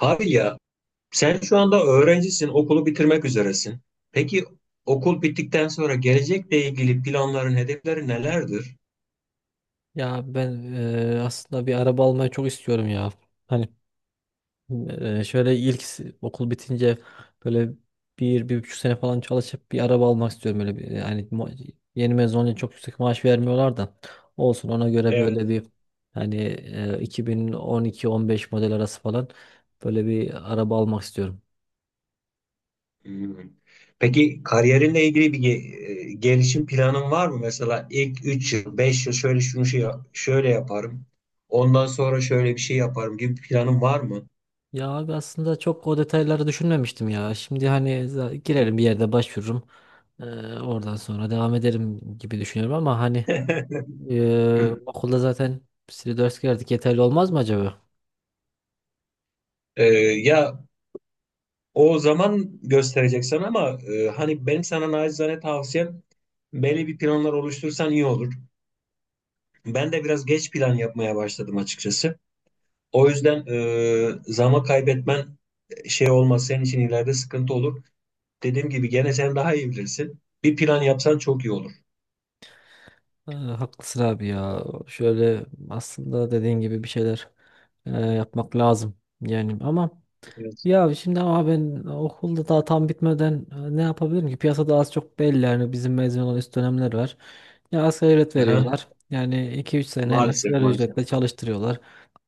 Abi ya, sen şu anda öğrencisin, okulu bitirmek üzeresin. Peki okul bittikten sonra gelecekle ilgili planların, hedeflerin nelerdir? Ya ben aslında bir araba almayı çok istiyorum ya. Hani şöyle okul bitince böyle bir, bir buçuk sene falan çalışıp bir araba almak istiyorum. Böyle bir, yani yeni mezun olunca çok yüksek maaş vermiyorlar da olsun ona göre böyle Evet. bir hani 2012-15 model arası falan böyle bir araba almak istiyorum. Hmm. Peki kariyerinle ilgili gelişim planın var mı? Mesela ilk 3 yıl, 5 yıl şöyle şöyle yaparım. Ondan sonra şöyle bir şey yaparım gibi bir planın var mı? Ya abi aslında çok o detayları düşünmemiştim ya. Şimdi hani girerim bir yerde başvururum. Eee, Oradan sonra devam ederim gibi düşünüyorum ama hani. Okulda zaten bir ders gördük. Yeterli olmaz mı acaba? Ee, ya o zaman göstereceksin ama hani benim sana naçizane tavsiyem böyle bir planlar oluştursan iyi olur. Ben de biraz geç plan yapmaya başladım açıkçası. O yüzden zaman kaybetmen şey olmaz, senin için ileride sıkıntı olur. Dediğim gibi gene sen daha iyi bilirsin. Bir plan yapsan çok iyi olur. Ha, haklısın abi ya. Şöyle aslında dediğin gibi bir şeyler yapmak lazım. Yani ama Evet. ya şimdi ama ben okulda daha tam bitmeden ne yapabilirim ki? Piyasada az çok belli yani bizim mezun olan üst dönemler var. Ya asgari ücret Aha. veriyorlar. Yani iki üç sene Maalesef, asgari maalesef. ücretle çalıştırıyorlar.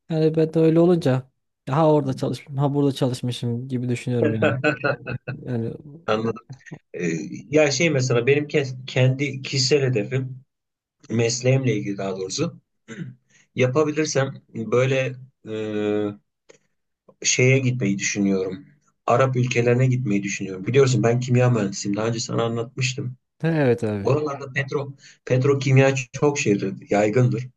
Yani ben de öyle olunca ya ha orada çalışmışım, ha burada çalışmışım gibi düşünüyorum yani. Yani Anladım. E, ya şey, mesela benim kendi kişisel hedefim mesleğimle ilgili daha doğrusu yapabilirsem böyle e, şeye gitmeyi düşünüyorum. Arap ülkelerine gitmeyi düşünüyorum. Biliyorsun ben kimya mühendisiyim. Daha önce sana anlatmıştım. evet abi. Oralarda petrokimya çok şeydir, yaygındır.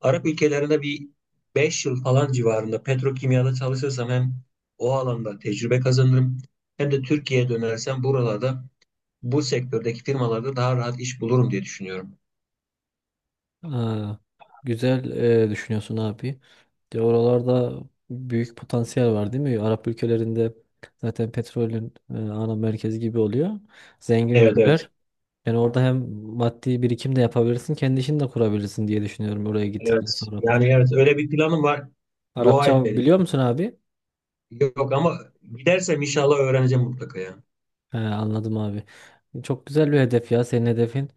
Arap ülkelerinde bir 5 yıl falan civarında petrokimyada çalışırsam hem o alanda tecrübe kazanırım, hem de Türkiye'ye dönersem buralarda bu sektördeki firmalarda daha rahat iş bulurum diye düşünüyorum. Ha, güzel düşünüyorsun abi. De oralarda büyük potansiyel var değil mi? Arap ülkelerinde zaten petrolün ana merkezi gibi oluyor. Zengin Evet, evet. ülkeler. Yani orada hem maddi birikim de yapabilirsin, kendi işini de kurabilirsin diye düşünüyorum oraya gittikten Evet. sonra. Yani evet, öyle bir planım var. Dua et Arapça benim. biliyor musun abi? Yok ama gidersem inşallah öğreneceğim mutlaka ya. He, anladım abi. Çok güzel bir hedef ya senin hedefin.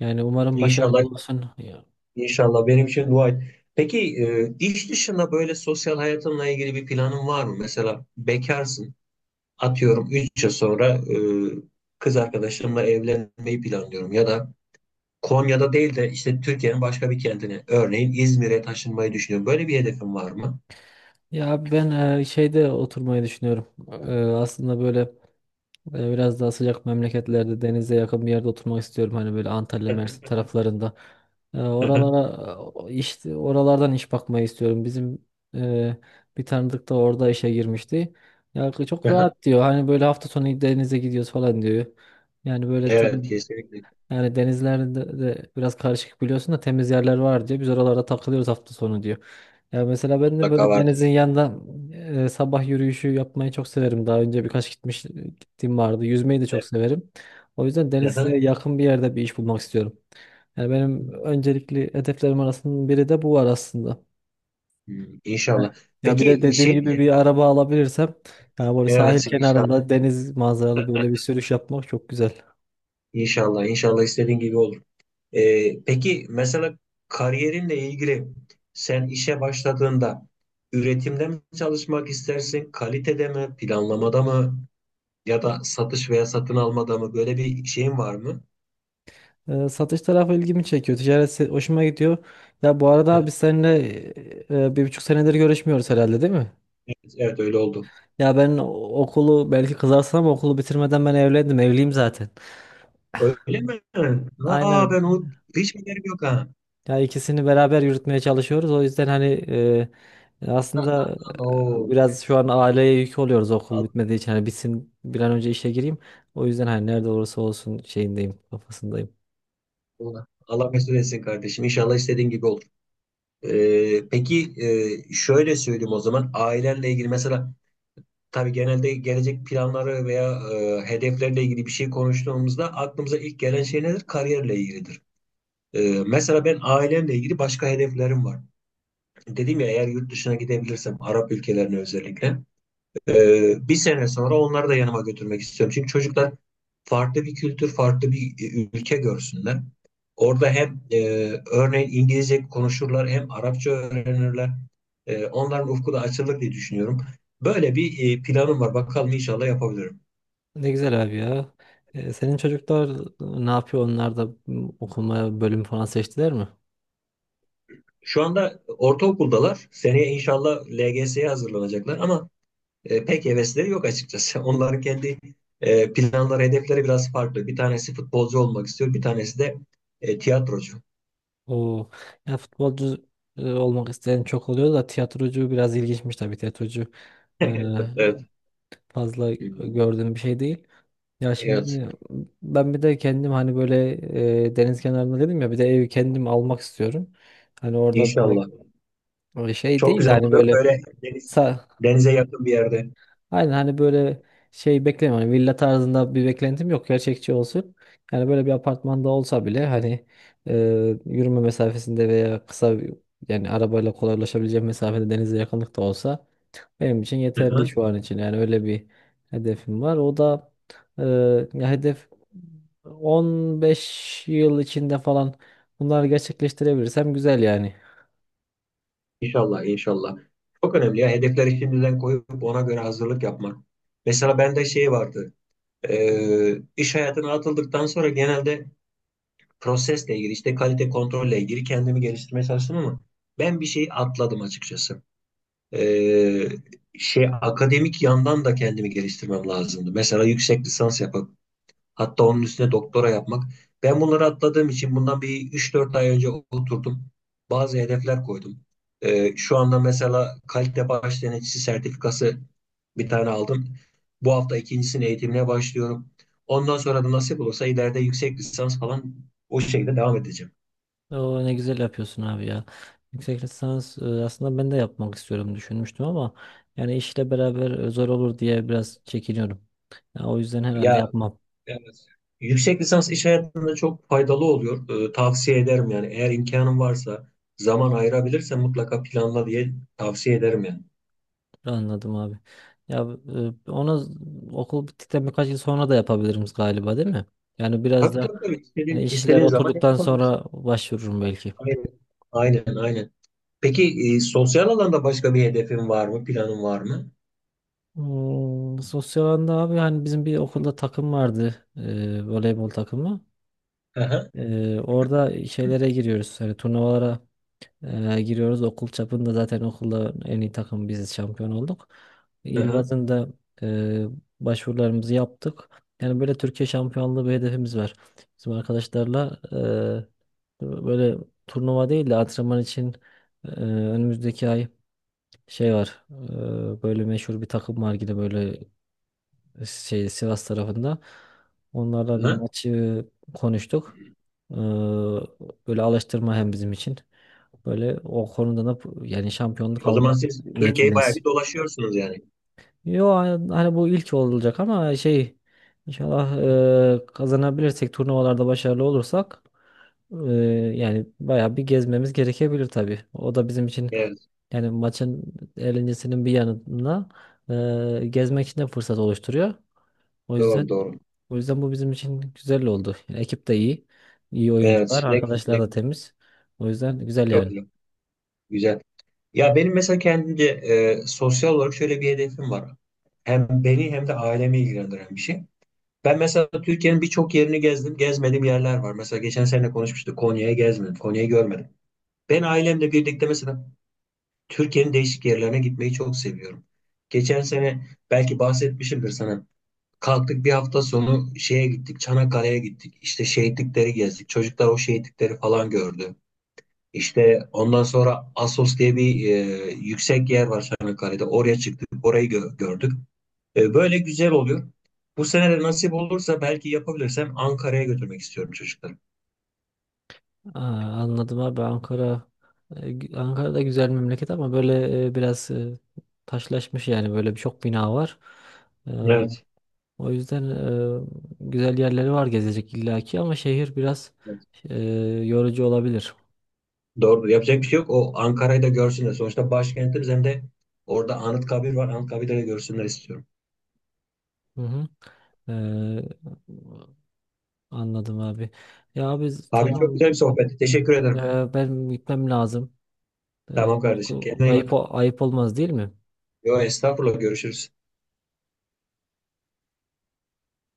Yani umarım başarılı İnşallah. olursun. Ya, İnşallah benim için dua et. Peki iş dışında böyle sosyal hayatınla ilgili bir planın var mı? Mesela bekarsın. Atıyorum 3 yıl sonra kız arkadaşımla evlenmeyi planlıyorum. Ya da Konya'da değil de işte Türkiye'nin başka bir kentine. Örneğin İzmir'e taşınmayı düşünüyorum. Böyle bir hedefin var mı? ya ben şeyde oturmayı düşünüyorum. Aslında böyle böyle biraz daha sıcak memleketlerde denize yakın bir yerde oturmak istiyorum. Hani böyle Antalya, Mersin taraflarında. Oralara işte oralardan iş bakmayı istiyorum. Bizim e, bir tanıdık da orada işe girmişti. Ya çok Aha. rahat diyor. Hani böyle hafta sonu denize gidiyoruz falan diyor. Yani böyle Evet, kesinlikle. yani denizlerde de biraz karışık biliyorsun da temiz yerler var diyor. Biz oralarda takılıyoruz hafta sonu diyor. Ya mesela ben de Mutlaka böyle vardır. denizin yanında sabah yürüyüşü yapmayı çok severim. Daha önce birkaç gittiğim vardı. Yüzmeyi de çok Evet. severim. O yüzden denize Aha. yakın bir yerde bir iş bulmak istiyorum. Yani benim öncelikli hedeflerim arasında biri de bu var aslında. Hmm, Evet. İnşallah. Ya bir de Peki dediğim şey gibi bir diyeceğim. araba alabilirsem yani böyle sahil Evet, inşallah. kenarında deniz manzaralı böyle bir sürüş yapmak çok güzel. İnşallah, inşallah istediğin gibi olur. Peki mesela kariyerinle ilgili sen işe başladığında üretimde mi çalışmak istersin, kalitede mi, planlamada mı, ya da satış veya satın almada mı, böyle bir şeyin var mı? Satış tarafı ilgimi çekiyor. Ticaret hoşuma gidiyor. Ya bu arada abi biz seninle bir buçuk senedir görüşmüyoruz herhalde değil mi? Evet, evet, öyle oldu. Ya ben okulu belki kızarsın ama okulu bitirmeden ben evlendim. Evliyim zaten. Öyle mi? Aa, Aynen. ben o hiç haberim yok ha. Ya ikisini beraber yürütmeye çalışıyoruz. O yüzden hani aslında Oo, biraz şu an aileye yük oluyoruz okul Allah, bitmediği için. Hani bitsin bir an önce işe gireyim. O yüzden hani nerede olursa olsun şeyindeyim, kafasındayım. Allah Allah mesul etsin kardeşim. İnşallah istediğin gibi olur. Peki şöyle söyleyeyim, o zaman ailenle ilgili mesela. Tabii genelde gelecek planları veya hedeflerle ilgili bir şey konuştuğumuzda aklımıza ilk gelen şey nedir? Kariyerle ilgilidir. E, mesela ben ailemle ilgili başka hedeflerim var. Dedim ya, eğer yurt dışına gidebilirsem Arap ülkelerine özellikle. Bir sene sonra onları da yanıma götürmek istiyorum. Çünkü çocuklar farklı bir kültür, farklı bir ülke görsünler. Orada hem örneğin İngilizce konuşurlar, hem Arapça öğrenirler. Onların ufku da açılır diye düşünüyorum. Böyle bir planım var. Bakalım inşallah yapabilirim. Ne güzel abi ya. Senin çocuklar ne yapıyor? Onlar da okuma bölüm falan seçtiler mi? Şu anda ortaokuldalar. Seneye inşallah LGS'ye hazırlanacaklar ama pek hevesleri yok açıkçası. Onların kendi planları, hedefleri biraz farklı. Bir tanesi futbolcu olmak istiyor, bir tanesi de tiyatrocu. O ya futbolcu olmak isteyen çok oluyor da tiyatrocu biraz ilginçmiş tabii. Tiyatrocu e, Evet, evet. fazla Hmm. gördüğüm bir şey değil. Ya Evet. şimdi ben bir de kendim hani böyle deniz kenarında dedim ya bir de evi kendim almak istiyorum. Hani orada böyle İnşallah. Şey Çok değil de güzel hani olur. böyle Böyle deniz, Sa- denize yakın bir yerde. Aynen hani böyle şey beklemiyorum. Hani villa tarzında bir beklentim yok. Gerçekçi olsun. Yani böyle bir apartmanda olsa bile hani e, yürüme mesafesinde veya yani arabayla kolaylaşabileceğim mesafede denize yakınlıkta olsa benim için Hı yeterli hı. şu an için. Yani öyle bir hedefim var. O da e, ya hedef 15 yıl içinde falan bunları gerçekleştirebilirsem güzel yani. İnşallah, inşallah. Çok önemli ya. Hedefleri şimdiden koyup ona göre hazırlık yapmak. Mesela bende şey vardı. İş hayatına atıldıktan sonra genelde prosesle ilgili, işte kalite kontrolle ilgili kendimi geliştirmeye çalıştım ama ben bir şey atladım açıkçası. Ee, şey, akademik yandan da kendimi geliştirmem lazımdı. Mesela yüksek lisans yap. Hatta onun üstüne doktora yapmak. Ben bunları atladığım için bundan bir üç dört ay önce oturdum. Bazı hedefler koydum. Şu anda mesela kalite baş denetçisi sertifikası bir tane aldım. Bu hafta ikincisinin eğitimine başlıyorum. Ondan sonra da nasip olursa ileride yüksek lisans falan o şekilde devam edeceğim. O ne güzel yapıyorsun abi ya. Yüksek lisans aslında ben de yapmak istiyorum düşünmüştüm ama yani işle beraber zor olur diye biraz çekiniyorum. Ya o yüzden herhalde Ya, yapmam. evet. Yüksek lisans iş hayatında çok faydalı oluyor. Tavsiye ederim yani. Eğer imkanın varsa, zaman ayırabilirsen mutlaka planla diye tavsiye ederim yani. Anladım abi. Ya onu okul bittikten birkaç yıl sonra da yapabilirim galiba değil mi? Yani biraz Tabii, da tabii, tabii. hani İstediğin, işler istediğin zaman oturduktan yapabilirsin. sonra başvururum belki. Aynen. Aynen, aynen. Peki sosyal alanda başka bir hedefin var mı? Planın var mı? Sosyal alanda abi hani bizim bir okulda takım vardı. Voleybol takımı. Hı hı. Orada şeylere giriyoruz. Hani turnuvalara. Giriyoruz okul çapında, zaten okulda en iyi takım biziz, şampiyon olduk. Hı İl hı. bazında e, başvurularımızı yaptık. Yani böyle Türkiye şampiyonluğu bir hedefimiz var. Bizim arkadaşlarla böyle turnuva değil de antrenman için önümüzdeki ay şey var. Böyle meşhur bir takım var yine böyle şey Sivas tarafında. Onlarla bir Hı. maçı konuştuk. E, Böyle alıştırma hem bizim için. Böyle o konuda da yani şampiyonluk O zaman almak siz Türkiye'yi bayağı niyetindeyiz. bir dolaşıyorsunuz yani. Yo hani bu ilk olacak ama şey inşallah kazanabilirsek turnuvalarda başarılı olursak e, yani bayağı bir gezmemiz gerekebilir tabii. O da bizim için Evet. yani maçın eğlencesinin bir yanında gezmek için de fırsat oluşturuyor. O Doğru, yüzden doğru. o yüzden bu bizim için güzel oldu. Yani ekip de iyi. İyi oyuncular, Evet. Ne güzel. arkadaşlar Ne da güzel. temiz. O yüzden güzel Çok yani. güzel. Güzel. Ya benim mesela kendimce sosyal olarak şöyle bir hedefim var. Hem beni hem de ailemi ilgilendiren bir şey. Ben mesela Türkiye'nin birçok yerini gezdim. Gezmediğim yerler var. Mesela geçen sene konuşmuştuk. Konya'yı gezmedim. Konya'yı görmedim. Ben ailemle birlikte mesela Türkiye'nin değişik yerlerine gitmeyi çok seviyorum. Geçen sene belki bahsetmişimdir sana. Kalktık bir hafta sonu şeye gittik, Çanakkale'ye gittik. İşte şehitlikleri gezdik. Çocuklar o şehitlikleri falan gördü. İşte ondan sonra Assos diye bir yüksek yer var Çanakkale'de. Oraya çıktık, orayı gördük. Böyle güzel oluyor. Bu sene de nasip olursa belki yapabilirsem Ankara'ya götürmek istiyorum çocukları. Aa, anladım abi. Ankara Ankara'da güzel memleket ama böyle biraz taşlaşmış yani böyle çok bina var. Ee, O yüzden e, güzel yerleri var gezecek illaki ama şehir biraz Evet. e, yorucu olabilir. Doğru. Yapacak bir şey yok. O Ankara'yı da görsünler. Sonuçta başkentimiz, hem de orada Anıtkabir var. Anıtkabir'i de görsünler istiyorum. Hı hı. Ee, Anladım abi. Ya abi Abi çok tamam güzel bir sohbetti. Teşekkür ederim. Ben gitmem lazım. Ee, Tamam kardeşim. Kendine iyi Ayıp bak. ayıp olmaz değil mi? Yo, estağfurullah. Görüşürüz.